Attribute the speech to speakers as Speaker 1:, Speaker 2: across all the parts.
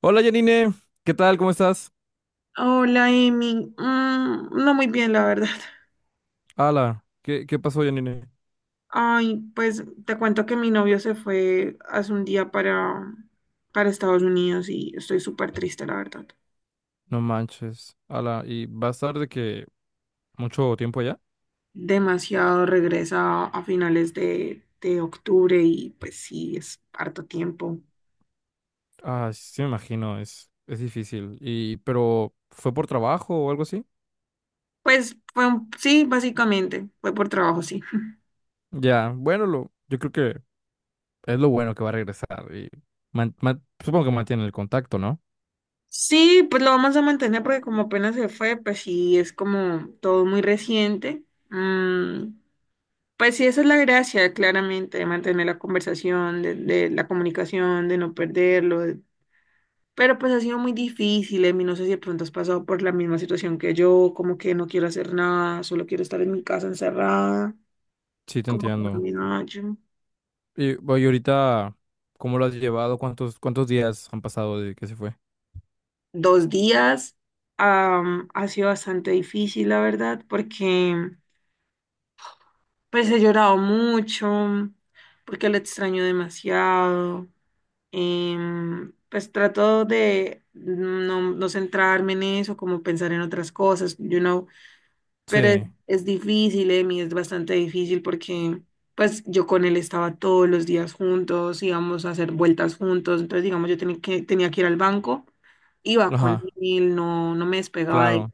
Speaker 1: Hola Janine, ¿qué tal? ¿Cómo estás?
Speaker 2: Hola, Emi. Mm, no muy bien, la verdad.
Speaker 1: Ala, ¿qué pasó, Janine?
Speaker 2: Ay, pues te cuento que mi novio se fue hace un día para Estados Unidos y estoy súper triste, la verdad.
Speaker 1: No manches, ala, ¿y va a estar de que mucho tiempo allá?
Speaker 2: Demasiado regresa a finales de octubre y pues sí, es harto tiempo.
Speaker 1: Ah, sí, me imagino, es difícil. Y, pero, ¿fue por trabajo o algo así?
Speaker 2: Pues sí, básicamente, fue por trabajo, sí.
Speaker 1: Ya, bueno, yo creo que es lo bueno que va a regresar y supongo que mantiene el contacto, ¿no?
Speaker 2: Sí, pues lo vamos a mantener porque como apenas se fue, pues sí, es como todo muy reciente. Mm, pues sí, esa es la gracia, claramente, de mantener la conversación, de la comunicación, de no perderlo. Pero pues ha sido muy difícil, Emi. No sé si de pronto has pasado por la misma situación que yo, como que no quiero hacer nada, solo quiero estar en mi casa encerrada,
Speaker 1: Sí, te
Speaker 2: como que no
Speaker 1: entiendo.
Speaker 2: me hallo.
Speaker 1: Y, oye, ahorita, ¿cómo lo has llevado? ¿Cuántos días han pasado de que se fue?
Speaker 2: Dos días, ha sido bastante difícil, la verdad, porque pues he llorado mucho, porque lo extraño demasiado. Pues trato de no centrarme en eso, como pensar en otras cosas, pero
Speaker 1: Sí,
Speaker 2: es difícil, Emi, es bastante difícil porque pues yo con él estaba todos los días juntos, íbamos a hacer vueltas juntos, entonces digamos yo tenía tenía que ir al banco, iba con
Speaker 1: ajá,
Speaker 2: él, no me despegaba de él,
Speaker 1: claro.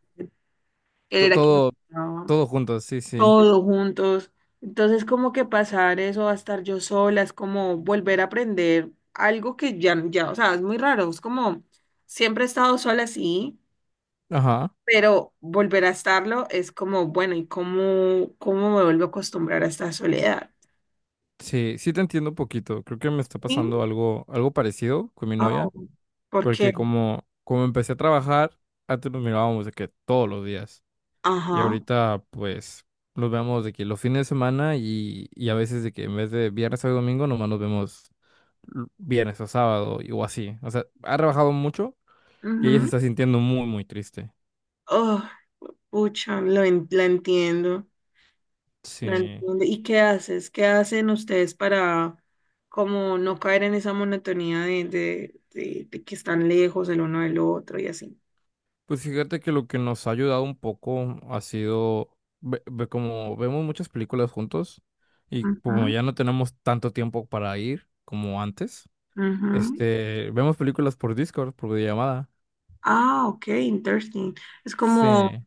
Speaker 2: él era quien me
Speaker 1: Todo,
Speaker 2: llevaba
Speaker 1: todo juntos, sí, sí.
Speaker 2: todos juntos. Entonces, como que pasar eso a estar yo sola, es como volver a aprender algo que ya, o sea, es muy raro, es como, siempre he estado sola, sí,
Speaker 1: Ajá.
Speaker 2: pero volver a estarlo es como, bueno, ¿y cómo me vuelvo a acostumbrar a esta soledad?
Speaker 1: Sí, sí te entiendo un poquito. Creo que me está
Speaker 2: ¿Sí?
Speaker 1: pasando algo, algo parecido con mi novia,
Speaker 2: Oh, ¿por qué?
Speaker 1: porque como empecé a trabajar, antes nos mirábamos de que todos los días. Y
Speaker 2: Ajá.
Speaker 1: ahorita, pues, nos vemos de que los fines de semana y a veces de que en vez de viernes a domingo, nomás nos vemos viernes o sábado y- o así. O sea, ha trabajado mucho y ella se
Speaker 2: Ujú.
Speaker 1: está sintiendo muy, muy triste.
Speaker 2: Oh, pucha, la entiendo. No
Speaker 1: Sí.
Speaker 2: entiendo. ¿Y qué haces? ¿Qué hacen ustedes para como no caer en esa monotonía de que están lejos el uno del otro y así?
Speaker 1: Pues fíjate que lo que nos ha ayudado un poco ha sido, como vemos muchas películas juntos y como
Speaker 2: Ujú,
Speaker 1: ya no tenemos tanto tiempo para ir como antes,
Speaker 2: ujú.
Speaker 1: este, vemos películas por Discord, por videollamada.
Speaker 2: Ah, ok, interesting. Es como,
Speaker 1: Sí.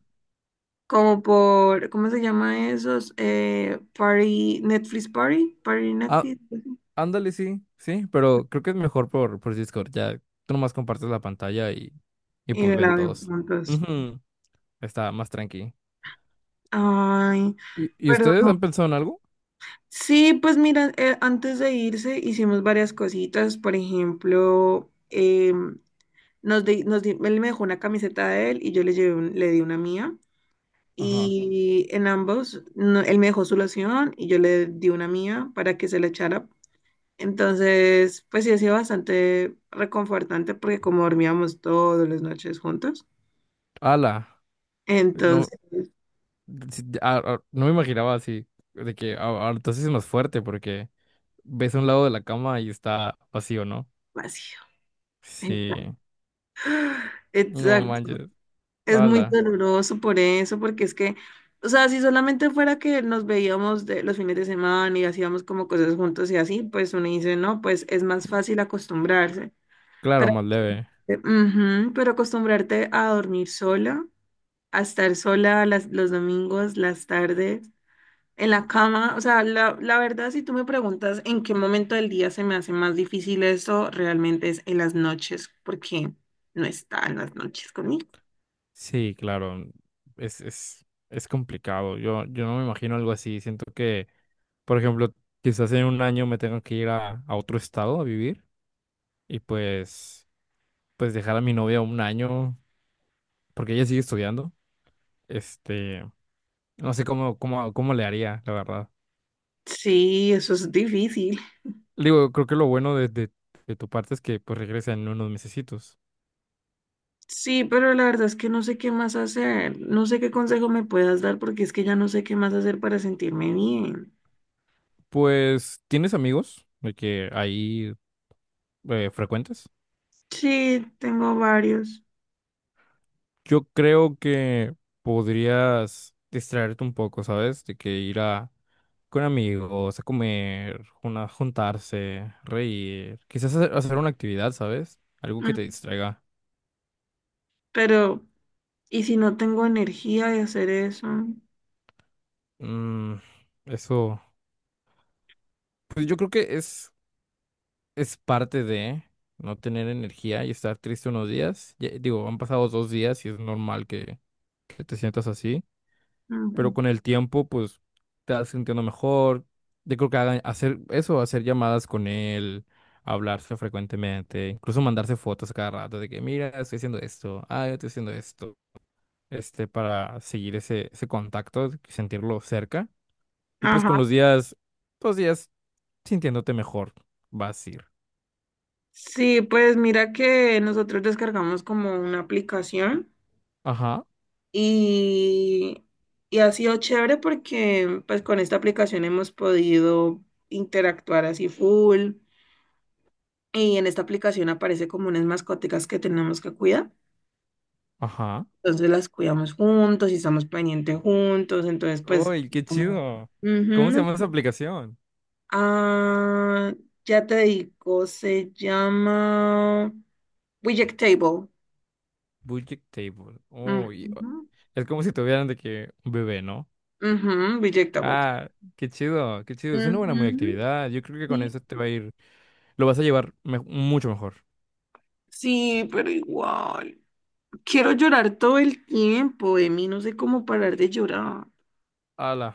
Speaker 2: como por, ¿cómo se llama esos? Party, Netflix Party, Party
Speaker 1: Ah,
Speaker 2: Netflix.
Speaker 1: ándale, sí, sí, pero creo que es mejor por, Discord. Ya tú nomás compartes la pantalla y
Speaker 2: Y
Speaker 1: pues ven
Speaker 2: la ven
Speaker 1: todos.
Speaker 2: juntos.
Speaker 1: Ujú. Está más tranqui.
Speaker 2: Ay,
Speaker 1: ¿Y ustedes han
Speaker 2: perdón.
Speaker 1: pensado en algo?
Speaker 2: Sí, pues mira, antes de irse hicimos varias cositas, por ejemplo, em, él me dejó una camiseta de él y yo le llevé le di una mía.
Speaker 1: Ajá.
Speaker 2: Y en ambos, él me dejó su loción y yo le di una mía para que se la echara. Entonces, pues sí ha sido bastante reconfortante porque como dormíamos todas las noches juntos,
Speaker 1: Ala.
Speaker 2: entonces,
Speaker 1: No, sí, no me imaginaba así, de que ahora entonces es más fuerte porque ves a un lado de la cama y está vacío, ¿no?
Speaker 2: vacío. Exacto.
Speaker 1: Sí, no manches,
Speaker 2: Es muy
Speaker 1: ala,
Speaker 2: doloroso por eso, porque es que, o sea, si solamente fuera que nos veíamos de los fines de semana y hacíamos como cosas juntos y así, pues uno dice, no, pues es más fácil acostumbrarse.
Speaker 1: claro,
Speaker 2: Pero,
Speaker 1: más leve.
Speaker 2: ujú, pero acostumbrarte a dormir sola, a estar sola los domingos, las tardes, en la cama, o sea, la verdad, si tú me preguntas en qué momento del día se me hace más difícil eso, realmente es en las noches, porque no está en las noches conmigo.
Speaker 1: Sí, claro, es complicado, yo no me imagino algo así, siento que, por ejemplo, quizás en un año me tengo que ir a otro estado a vivir y pues, pues dejar a mi novia un año, porque ella sigue estudiando, este, no sé cómo le haría, la verdad.
Speaker 2: Sí, eso es difícil.
Speaker 1: Digo, creo que lo bueno de, de tu parte es que pues regresa en unos mesecitos.
Speaker 2: Sí, pero la verdad es que no sé qué más hacer. No sé qué consejo me puedas dar porque es que ya no sé qué más hacer para sentirme bien.
Speaker 1: Pues, ¿tienes amigos de que ahí, frecuentes?
Speaker 2: Sí, tengo varios.
Speaker 1: Yo creo que podrías distraerte un poco, ¿sabes? De que ir a con amigos, a comer, una, juntarse, reír, quizás hacer, hacer una actividad, ¿sabes? Algo que
Speaker 2: Mm,
Speaker 1: te distraiga.
Speaker 2: pero, ¿y si no tengo energía de hacer eso?
Speaker 1: Mm, eso, pues yo creo que es parte de no tener energía y estar triste unos días. Ya- digo, han pasado 2 días y es normal que, te sientas así, pero
Speaker 2: Mm.
Speaker 1: con el tiempo, pues te vas sintiendo mejor. Yo creo que hagan- hacer eso, hacer llamadas con él, hablarse frecuentemente, incluso mandarse fotos a cada rato de que, mira, estoy haciendo esto, ah, yo estoy haciendo esto, este, para seguir ese, contacto, sentirlo cerca. Y pues con
Speaker 2: Ajá.
Speaker 1: los días sintiéndote mejor, vas a ir.
Speaker 2: Sí, pues mira que nosotros descargamos como una aplicación
Speaker 1: Ajá,
Speaker 2: y, y ha sido chévere porque pues con esta aplicación hemos podido interactuar así full. Y en esta aplicación aparece como unas mascóticas que tenemos que cuidar.
Speaker 1: ajá.
Speaker 2: Entonces las cuidamos juntos y estamos pendientes juntos. Entonces, pues,
Speaker 1: ¡Uy, qué
Speaker 2: como...
Speaker 1: chido! ¿Cómo se
Speaker 2: Ujú.
Speaker 1: llama esa aplicación?
Speaker 2: Ah, ya te digo, se llama Rejectable.
Speaker 1: Budget Table. Uy,
Speaker 2: Ujú,
Speaker 1: es como si tuvieran de que un bebé, ¿no?
Speaker 2: ujú, Rejectable.
Speaker 1: Ah, qué chido, qué chido. Es una buena muy
Speaker 2: Ujú,
Speaker 1: actividad. Yo creo que con
Speaker 2: sí,
Speaker 1: eso te va a ir, lo vas a llevar mucho mejor.
Speaker 2: sí, pero igual. Quiero llorar todo el tiempo, de mí no sé cómo parar de llorar.
Speaker 1: Ala.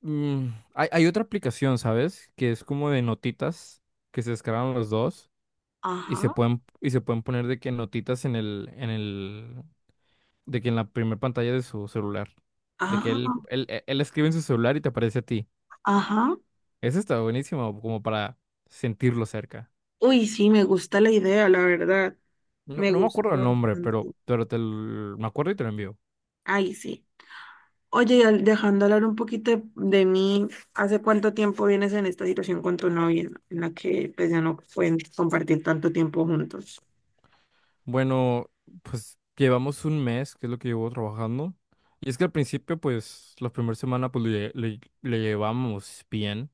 Speaker 1: Mm, hay otra aplicación, ¿sabes? Que es como de notitas que se descargan los dos y se
Speaker 2: Ajá,
Speaker 1: pueden y se pueden poner de que notitas en el de que en la primera pantalla de su celular. De que
Speaker 2: ajá,
Speaker 1: él escribe en su celular y te aparece a ti.
Speaker 2: ajá.
Speaker 1: Ese está buenísimo, como para sentirlo cerca.
Speaker 2: Uy, sí, me gusta la idea, la verdad.
Speaker 1: No,
Speaker 2: Me
Speaker 1: no me
Speaker 2: gusta
Speaker 1: acuerdo el nombre,
Speaker 2: bastante.
Speaker 1: pero me acuerdo y te lo envío.
Speaker 2: Ay, sí. Oye, y dejando hablar un poquito de mí, ¿hace cuánto tiempo vienes en esta situación con tu novia en la que pues, ya no pueden compartir tanto tiempo juntos?
Speaker 1: Bueno, pues llevamos un mes, que es lo que llevo trabajando. Y es que al principio, pues, la primera semana, pues, le llevamos bien.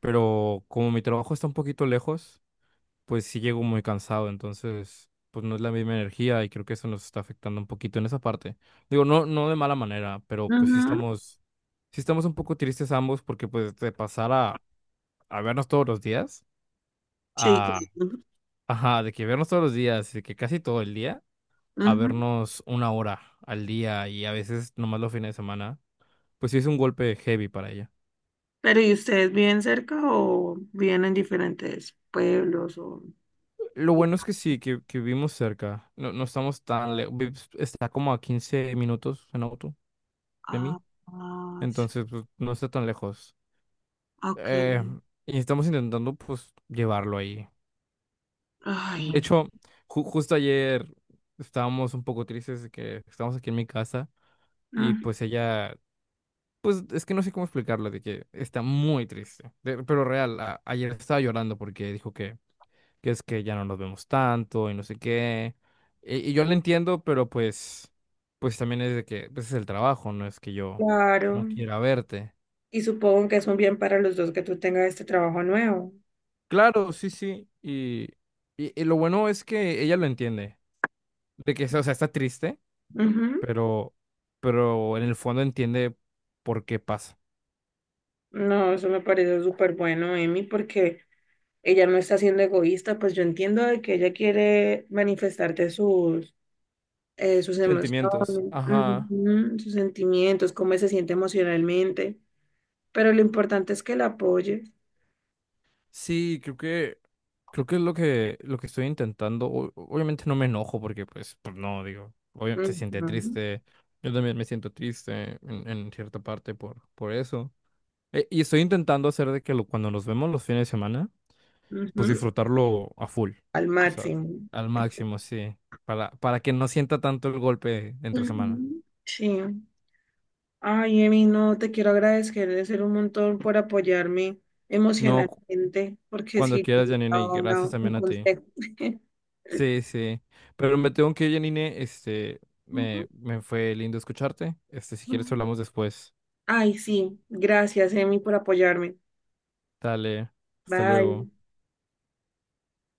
Speaker 1: Pero como mi trabajo está un poquito lejos, pues sí llego muy cansado. Entonces, pues no es la misma energía y creo que eso nos está afectando un poquito en esa parte. Digo, no, no de mala manera, pero pues sí
Speaker 2: Ujú,
Speaker 1: estamos... Sí estamos un poco tristes ambos porque pues de pasar a, vernos todos los días,
Speaker 2: sí,
Speaker 1: a,
Speaker 2: claro.
Speaker 1: ajá, de que vernos todos los días, de que casi todo el día, a
Speaker 2: Ujú.
Speaker 1: vernos una hora al día y a veces nomás los fines de semana, pues sí es un golpe heavy para ella.
Speaker 2: Pero ¿y ustedes viven cerca o viven en diferentes pueblos o...
Speaker 1: Lo bueno es que sí, que vivimos cerca, no, no estamos tan lejos, está como a 15 minutos en auto de
Speaker 2: Ah,
Speaker 1: mí,
Speaker 2: ah,
Speaker 1: entonces pues, no está tan lejos.
Speaker 2: ok.
Speaker 1: Eh, y estamos intentando pues llevarlo ahí. De
Speaker 2: Ay,
Speaker 1: hecho, justo ayer estábamos un poco tristes de que estamos aquí en mi casa. Y
Speaker 2: mm,
Speaker 1: pues ella. Pues es que no sé cómo explicarlo, de que está muy triste. De- pero real, ayer estaba llorando porque dijo que es que ya no nos vemos tanto y no sé qué. Y yo lo entiendo, pero pues, también es de que pues es el trabajo, no es que yo no
Speaker 2: claro.
Speaker 1: quiera verte.
Speaker 2: Y supongo que es un bien para los dos que tú tengas este trabajo nuevo.
Speaker 1: Claro, sí, sí. Y, y lo bueno es que ella lo entiende. De que, o sea, está triste,
Speaker 2: Ujú.
Speaker 1: pero, pero en el fondo entiende por qué pasa.
Speaker 2: No, eso me parece súper bueno, Emi, porque ella no está siendo egoísta, pues yo entiendo de que ella quiere manifestarte sus, sus emociones,
Speaker 1: Sentimientos. Ajá.
Speaker 2: ujú, sus sentimientos, cómo se siente emocionalmente, pero lo importante es que la apoyes
Speaker 1: Sí, creo que creo que es lo que, estoy intentando. Obviamente no me enojo porque, pues no, digo, obviamente se siente
Speaker 2: ujú,
Speaker 1: triste. Yo también me siento triste en, cierta parte por eso. Y estoy intentando hacer de que lo- cuando nos vemos los fines de semana, pues
Speaker 2: ujú,
Speaker 1: disfrutarlo a full.
Speaker 2: al
Speaker 1: O sea,
Speaker 2: máximo.
Speaker 1: al máximo, sí. Para que no sienta tanto el golpe entre semana.
Speaker 2: Ujú. Sí. Ay, Emi, no, te quiero agradecer un montón por apoyarme
Speaker 1: No,
Speaker 2: emocionalmente, porque
Speaker 1: cuando
Speaker 2: sí
Speaker 1: quieras, Janine, y
Speaker 2: necesitaba
Speaker 1: gracias
Speaker 2: un
Speaker 1: también a ti.
Speaker 2: consejo.
Speaker 1: Sí, sí. Pero me tengo que ir, Janine. Este, me fue lindo escucharte. Este, si quieres hablamos después.
Speaker 2: Ay, sí, gracias, Emi, por apoyarme.
Speaker 1: Dale, hasta luego.
Speaker 2: Bye.